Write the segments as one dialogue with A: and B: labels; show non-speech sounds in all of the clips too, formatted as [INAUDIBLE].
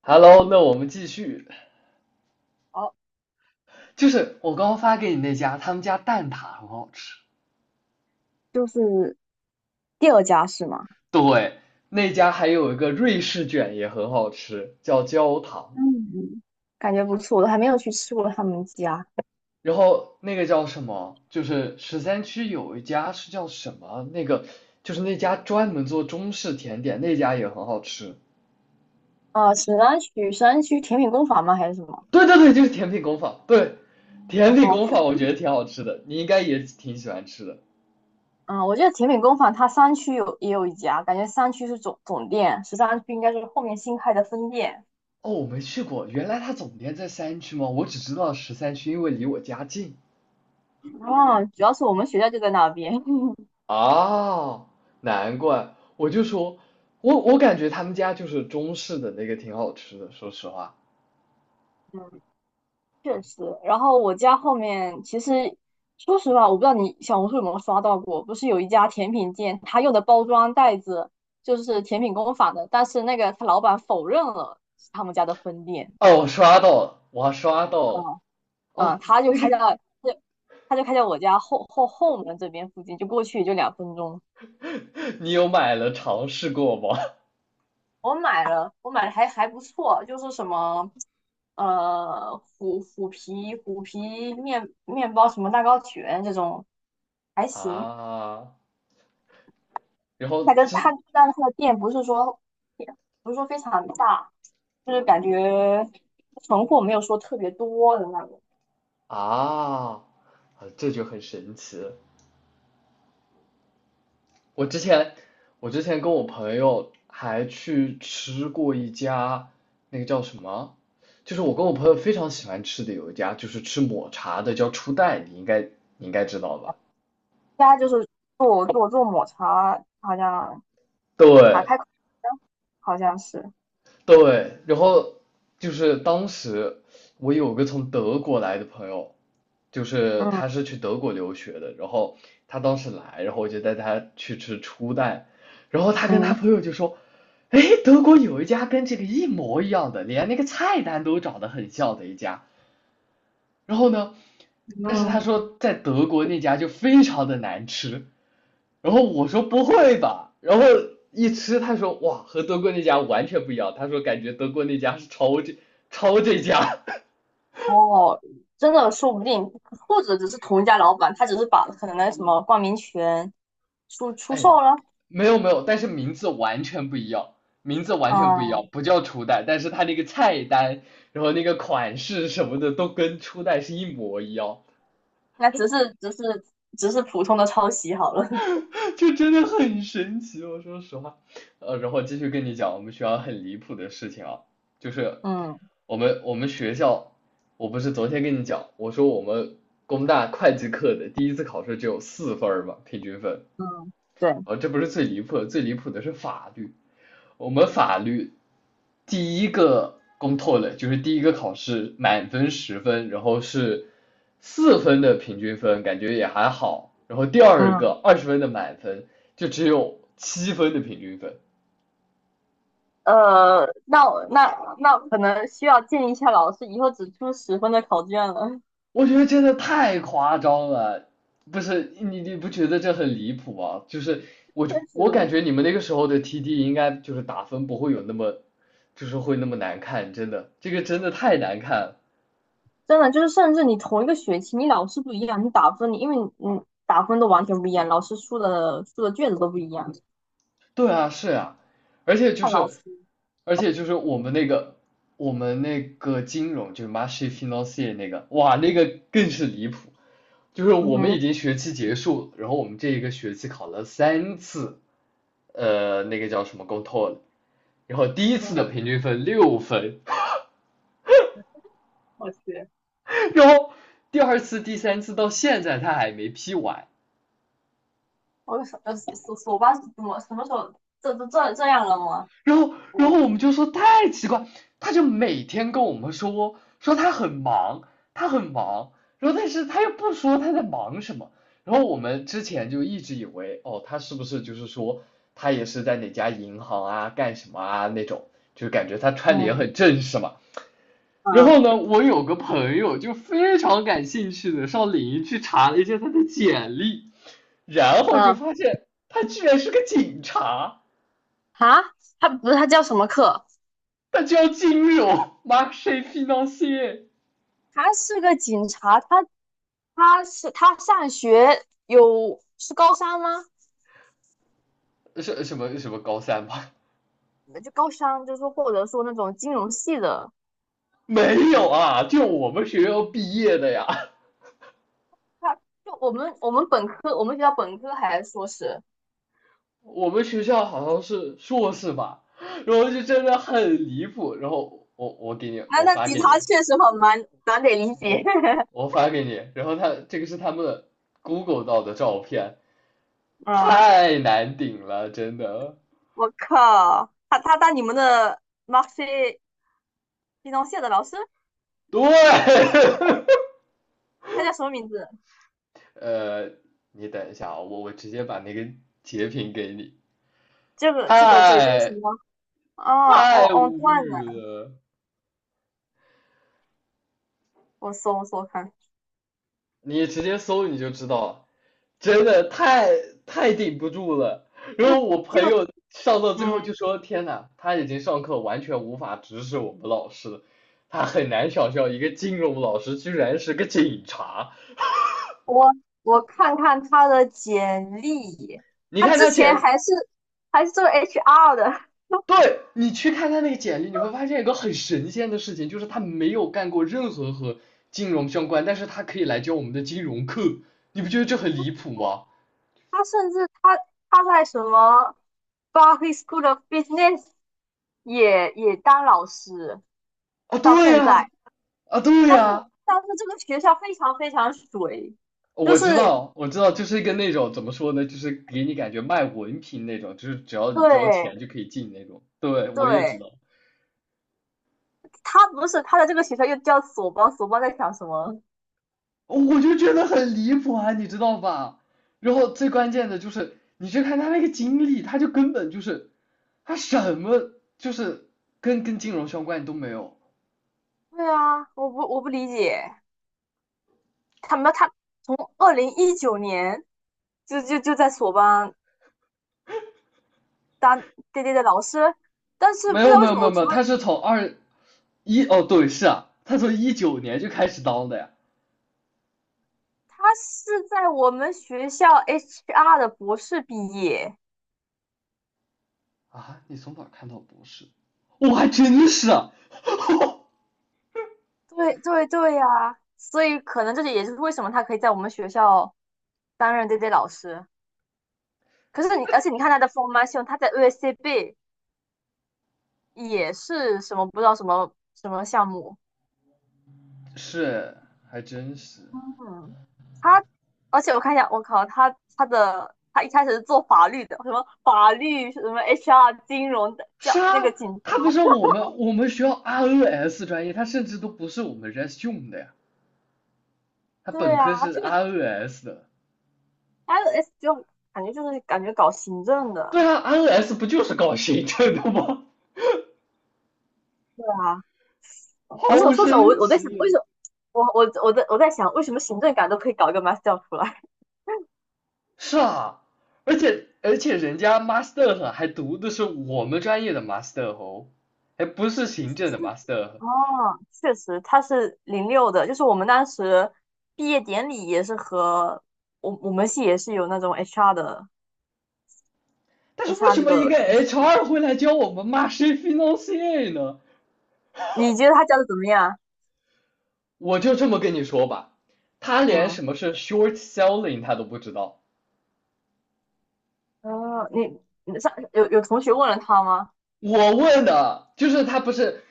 A: Hello，那我们继续，
B: 哦，
A: 就是我刚刚发给你那家，他们家蛋挞很好吃。
B: 就是第二家是吗？
A: 对，那家还有一个瑞士卷也很好吃，叫焦糖。
B: 嗯，感觉不错，我都还没有去吃过他们家。
A: 然后那个叫什么？就是十三区有一家是叫什么？那个就是那家专门做中式甜点，那家也很好吃。
B: 啊，沈阳区甜品工坊吗？还是什么？
A: 对对对，就是甜品工坊。对，甜品
B: 哦，
A: 工坊我觉得挺好吃的，你应该也挺喜欢吃的。
B: 嗯，我记得甜品工坊它三区也有一家，感觉三区是总店，13区应该是后面新开的分店。
A: 哦，我没去过，原来它总店在三区吗？我只知道十三区，因为离我家近。
B: 啊，主要是我们学校就在那边。[LAUGHS]
A: 啊，难怪，我就说，我感觉他们家就是中式的那个挺好吃的，说实话。
B: 确实，然后我家后面其实，说实话，我不知道你小红书有没有刷到过，不是有一家甜品店，他用的包装袋子就是甜品工坊的，但是那个他老板否认了是他们家的分店。
A: 哦，我刷到了，我还刷到了。哦，
B: 嗯，他就
A: 那
B: 开
A: 个
B: 在，对，他就开在我家后门这边附近，就过去也就2分钟。
A: [LAUGHS] 你有买了尝试过吗？
B: 我买了，我买的还不错，就是什么，虎皮面包什么蛋糕卷这种，还
A: [LAUGHS]
B: 行。
A: 啊，然
B: 它
A: 后
B: 跟
A: 这
B: 他，但是他的店不是说非常大，就是感觉存货没有说特别多的那种。
A: 啊，啊这就很神奇了，我之前，我之前跟我朋友还去吃过一家，那个叫什么？就是我跟我朋友非常喜欢吃的有一家，就是吃抹茶的，叫初代，你应该知道吧？
B: 家就是做抹茶，好像打
A: 对，
B: 开口好像是，
A: 对，然后就是当时我有个从德国来的朋友，就是他
B: 嗯
A: 是去德国留学的，然后他当时来，然后我就带他去吃初代，然后他跟他
B: 嗯
A: 朋友就说，哎，德国有一家跟这个一模一样的，连那个菜单都长得很像的一家，然后呢，但是他
B: 嗯，
A: 说在德国那家就非常的难吃，然后我说不会吧，然后一吃他说哇和德国那家完全不一样，他说感觉德国那家是抄这家，
B: 哦，真的说不定，或者只是同一家老板，他只是把可能那什么冠名权出出
A: 哎，
B: 售了。
A: 没有没有，但是名字完全不一样，名字完全不一样，
B: 嗯，
A: 不叫初代，但是他那个菜单，然后那个款式什么的都跟初代是一模一样，
B: 那只是普通的抄袭好了。
A: [LAUGHS] 就真的很神奇，我说实话。然后继续跟你讲我们学校很离谱的事情啊，就
B: [LAUGHS]
A: 是
B: 嗯
A: 我们学校，我不是昨天跟你讲，我说我们工大会计课的第一次考试只有四分儿嘛，平均分。
B: 嗯，对，
A: 啊，这不是最离谱的，最离谱的是法律。我们法律第一个公透了，就是第一个考试满分十分，然后是四分的平均分，感觉也还好。然后第二
B: 嗯。
A: 个二十分的满分，就只有七分的平均分，
B: 那我那那可能需要建议一下老师，以后只出10分的考卷了。[LAUGHS]
A: 我觉得真的太夸张了。不是你不觉得这很离谱吗？就是我
B: 确
A: 我感
B: 实，
A: 觉你们那个时候的 TD 应该就是打分不会有那么，就是会那么难看，真的，这个真的太难看了。
B: 真的就是，甚至你同一个学期，你老师不一样，你打分，你因为你打分都完全不一样，老师出的卷子都不一样。
A: 对啊，是啊，而且就
B: 看老
A: 是
B: 师。
A: 我们那个，我们那个金融就是 marché f i n a n c e 那个，哇，那个更是离谱。就是
B: 嗯
A: 我们已
B: 哼，
A: 经学期结束，然后我们这一个学期考了三次，那个叫什么 g o t o l 然后第一
B: 嗯
A: 次
B: 哼，
A: 的平均分六分，[LAUGHS]
B: 我去，
A: 然后第二次、第三次到现在他还没批完，
B: 我什么手吧？怎么什么时候这样了吗？
A: 然后
B: 嗯，
A: 我们就说太奇怪，他就每天跟我们说他很忙，他很忙，然后但是他又不说他在忙什么，然后我们之前就一直以为哦他是不是就是说他也是在哪家银行啊干什么啊那种，就感觉他穿的也
B: 嗯
A: 很正式嘛。然
B: 嗯
A: 后呢，我有个朋友就非常感兴趣的上领英去查了一下他的简历，然后
B: 嗯，
A: 就
B: 啊，
A: 发现他居然是个警察。
B: 他他不是他叫什么课？
A: 他就要进入 marché financier
B: 他是个警察。他上学有是高三吗？
A: 是什么什么高三吧？
B: 就高三，就是说或者说那种金融系的。
A: 没有啊，就我们学校毕业的呀，
B: 他就我们本科，我们学校本科还硕士。
A: 我们学校好像是硕士吧，然后就真的很离谱，然后我给你，
B: 那
A: 我
B: 那
A: 发
B: 吉
A: 给你，
B: 他确实很难得理解。[LAUGHS]
A: 我我发给你，然后他这个是他们的 Google 到的照片，
B: 嗯，
A: 太难顶了，真的，
B: 我靠，他当你们的 Maxi 金融系的老师，
A: 对，[LAUGHS]
B: 他叫什么名字？
A: 呃，你等一下啊，我直接把那个截屏给你。
B: 这个对。这个什
A: 太
B: 么啊，我
A: 太
B: 我
A: 无
B: 断
A: 语
B: 了，
A: 了，
B: 我搜看。
A: 你直接搜你就知道了，真的太顶不住了。然
B: 就
A: 后我朋
B: 就
A: 友上到最后就
B: 嗯，
A: 说：“天呐，他已经上课完全无法直视我们老师了，他很难想象一个金融老师居然是个警察。
B: 我我看看他的简历。
A: 你
B: 他
A: 看
B: 之
A: 他
B: 前
A: 简，
B: 还是做 HR 的，
A: 对你去看他那个简历，你会发现一个很神仙的事情，就是他没有干过任何和金融相关，但是他可以来教我们的金融课，你不觉得这很离谱吗？”
B: 他甚至他在什么 b e r k e e y School of Business 也当老师
A: 啊，
B: 到
A: 对
B: 现
A: 呀、
B: 在，
A: 啊，对
B: 但是
A: 呀，
B: 我但是这个学校非常非常水。就
A: 我知
B: 是
A: 道，我知道，就是跟那种怎么说呢，就是给你感觉卖文凭那种，就是只要你交
B: 对
A: 钱就可以进那种。对，我也知
B: 对，
A: 道，
B: 他不是他的这个学校又叫索邦。索邦在想什么？
A: 我就觉得很离谱啊，你知道吧？然后最关键的就是，你去看他那个经历，他就根本就是，他什么就是跟金融相关都没有，
B: 对啊，我不理解。他从2019年就在索邦当对对的老师，但是
A: 没
B: 不知
A: 有
B: 道
A: 没
B: 为
A: 有
B: 什么
A: 没有
B: 我
A: 没有，
B: 除了
A: 他是从二一哦对是啊，他从一九年就开始当的呀。
B: 他是在我们学校 HR 的博士毕业。
A: 啊，你从哪儿看到博士？我还真是，[LAUGHS]
B: 对对对呀。所以可能也就是为什么他可以在我们学校担任 DJ 老师。可是你，而且你看他的 formation，他在 u s c b 也是什么不知道什么什么项目。
A: 是，还真是。
B: 嗯，他，而且我看一下，我靠，他一开始是做法律的，什么法律什么 HR 金融的，叫
A: 是
B: 那个
A: 啊，
B: 警察。
A: 他不是我们学校 ROS 专业，他甚至都不是我们 RES 用的呀，他
B: 对
A: 本科
B: 啊，
A: 是
B: 这个
A: ROS 的。
B: LS 就感觉搞行政
A: 对
B: 的。
A: 啊，ROS 不就是搞行政的吗？
B: 对啊，不是
A: 好
B: 我说实话，我
A: 神
B: 我在想为
A: 奇。
B: 什么我在想为什么行政岗都可以搞一个 master 出来。
A: 是啊，而且人家 master 还读的是我们专业的 master 哦，还不是行政的
B: [LAUGHS]
A: master。
B: 哦，确实，他是零六的，就是我们当时毕业典礼也是和我们系也是有那种 HR 的
A: 但是为
B: HR
A: 什
B: 这
A: 么一
B: 个
A: 个
B: 这个系
A: HR 会来教我们 m a s h i financier 呢？
B: 你觉得他教的怎么样？
A: 我就这么跟你说吧，他连
B: 嗯，
A: 什么是 short selling 他都不知道。
B: 呃，你你上有同学问了他吗？
A: 我问的就是他不是，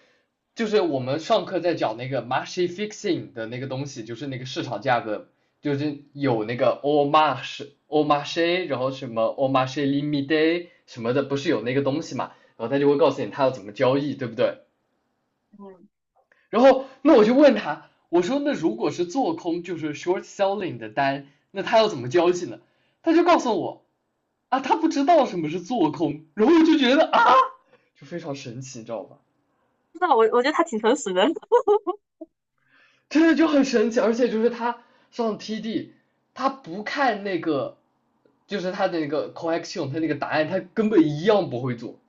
A: 就是我们上课在讲那个 m a r s h i fixing 的那个东西，就是那个市场价格，就是有那个 a l marsh a l marsh，然后什么 a l marsh limit day 什么的，不是有那个东西嘛？然后他就会告诉你他要怎么交易，对不对？
B: 嗯，
A: 然后那我就问他，我说那如果是做空就是 short selling 的单，那他要怎么交易呢？他就告诉我啊，他不知道什么是做空，然后我就觉得啊，就非常神奇，你知道吧？
B: 不知道，我觉得他挺诚实的。[LAUGHS]
A: 真的就很神奇，而且就是他上 TD，他不看那个，就是他的那个 c o l l e c t i o n 他那个答案，他根本一样不会做。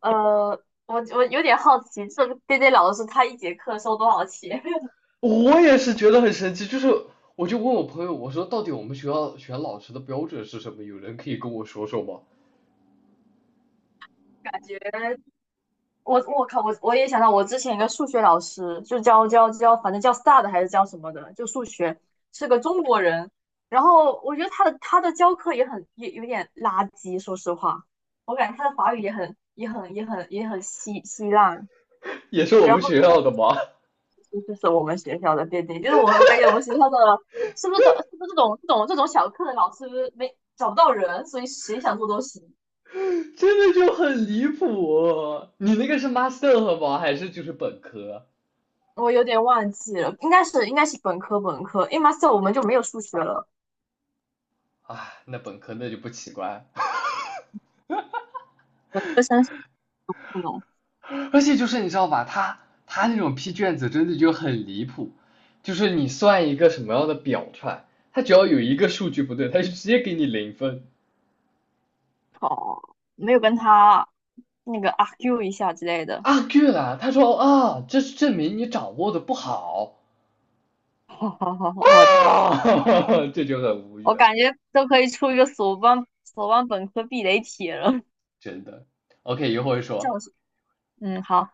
B: 呃，我有点好奇，这个 DJ 老师他一节课收多少钱？[LAUGHS]
A: 我也是觉得很神奇，就是我就问我朋友，我说到底我们学校选老师的标准是什么？有人可以跟我说说吗？
B: 感觉我靠，我也想到我之前一个数学老师，就教，反正叫 star 的还是叫什么的，就数学，是个中国人。然后我觉得他的教课也有点垃圾，说实话。我感觉他的法语也很稀烂。
A: 也是我
B: 然
A: 们
B: 后。
A: 学校的吗？
B: 这就是我们学校的奠定，就是我感觉我们学校的是不是这种小课的老师没找不到人，所以谁想做都行。
A: [LAUGHS] 真的就很离谱。你那个是 master 吗？还是就是本科？
B: 我有点忘记了，应该是本科，因为 master 我们就没有数学了。
A: 啊，那本科那就不奇怪。
B: 本科生是不能
A: 而且就是你知道吧，他那种批卷子真的就很离谱，就是你算一个什么样的表出来，他只要有一个数据不对，他就直接给你零分。
B: 考，没有跟他那个 argue 一下之类的。
A: 啊，对了，他说啊，这是证明你掌握的不好
B: [LAUGHS] 我
A: 啊，[LAUGHS] 这就很无
B: 我
A: 语，
B: 感觉都可以出一个索邦本科避雷帖了。[LAUGHS]
A: 真的。OK，一会儿说，
B: 笑死。嗯，好。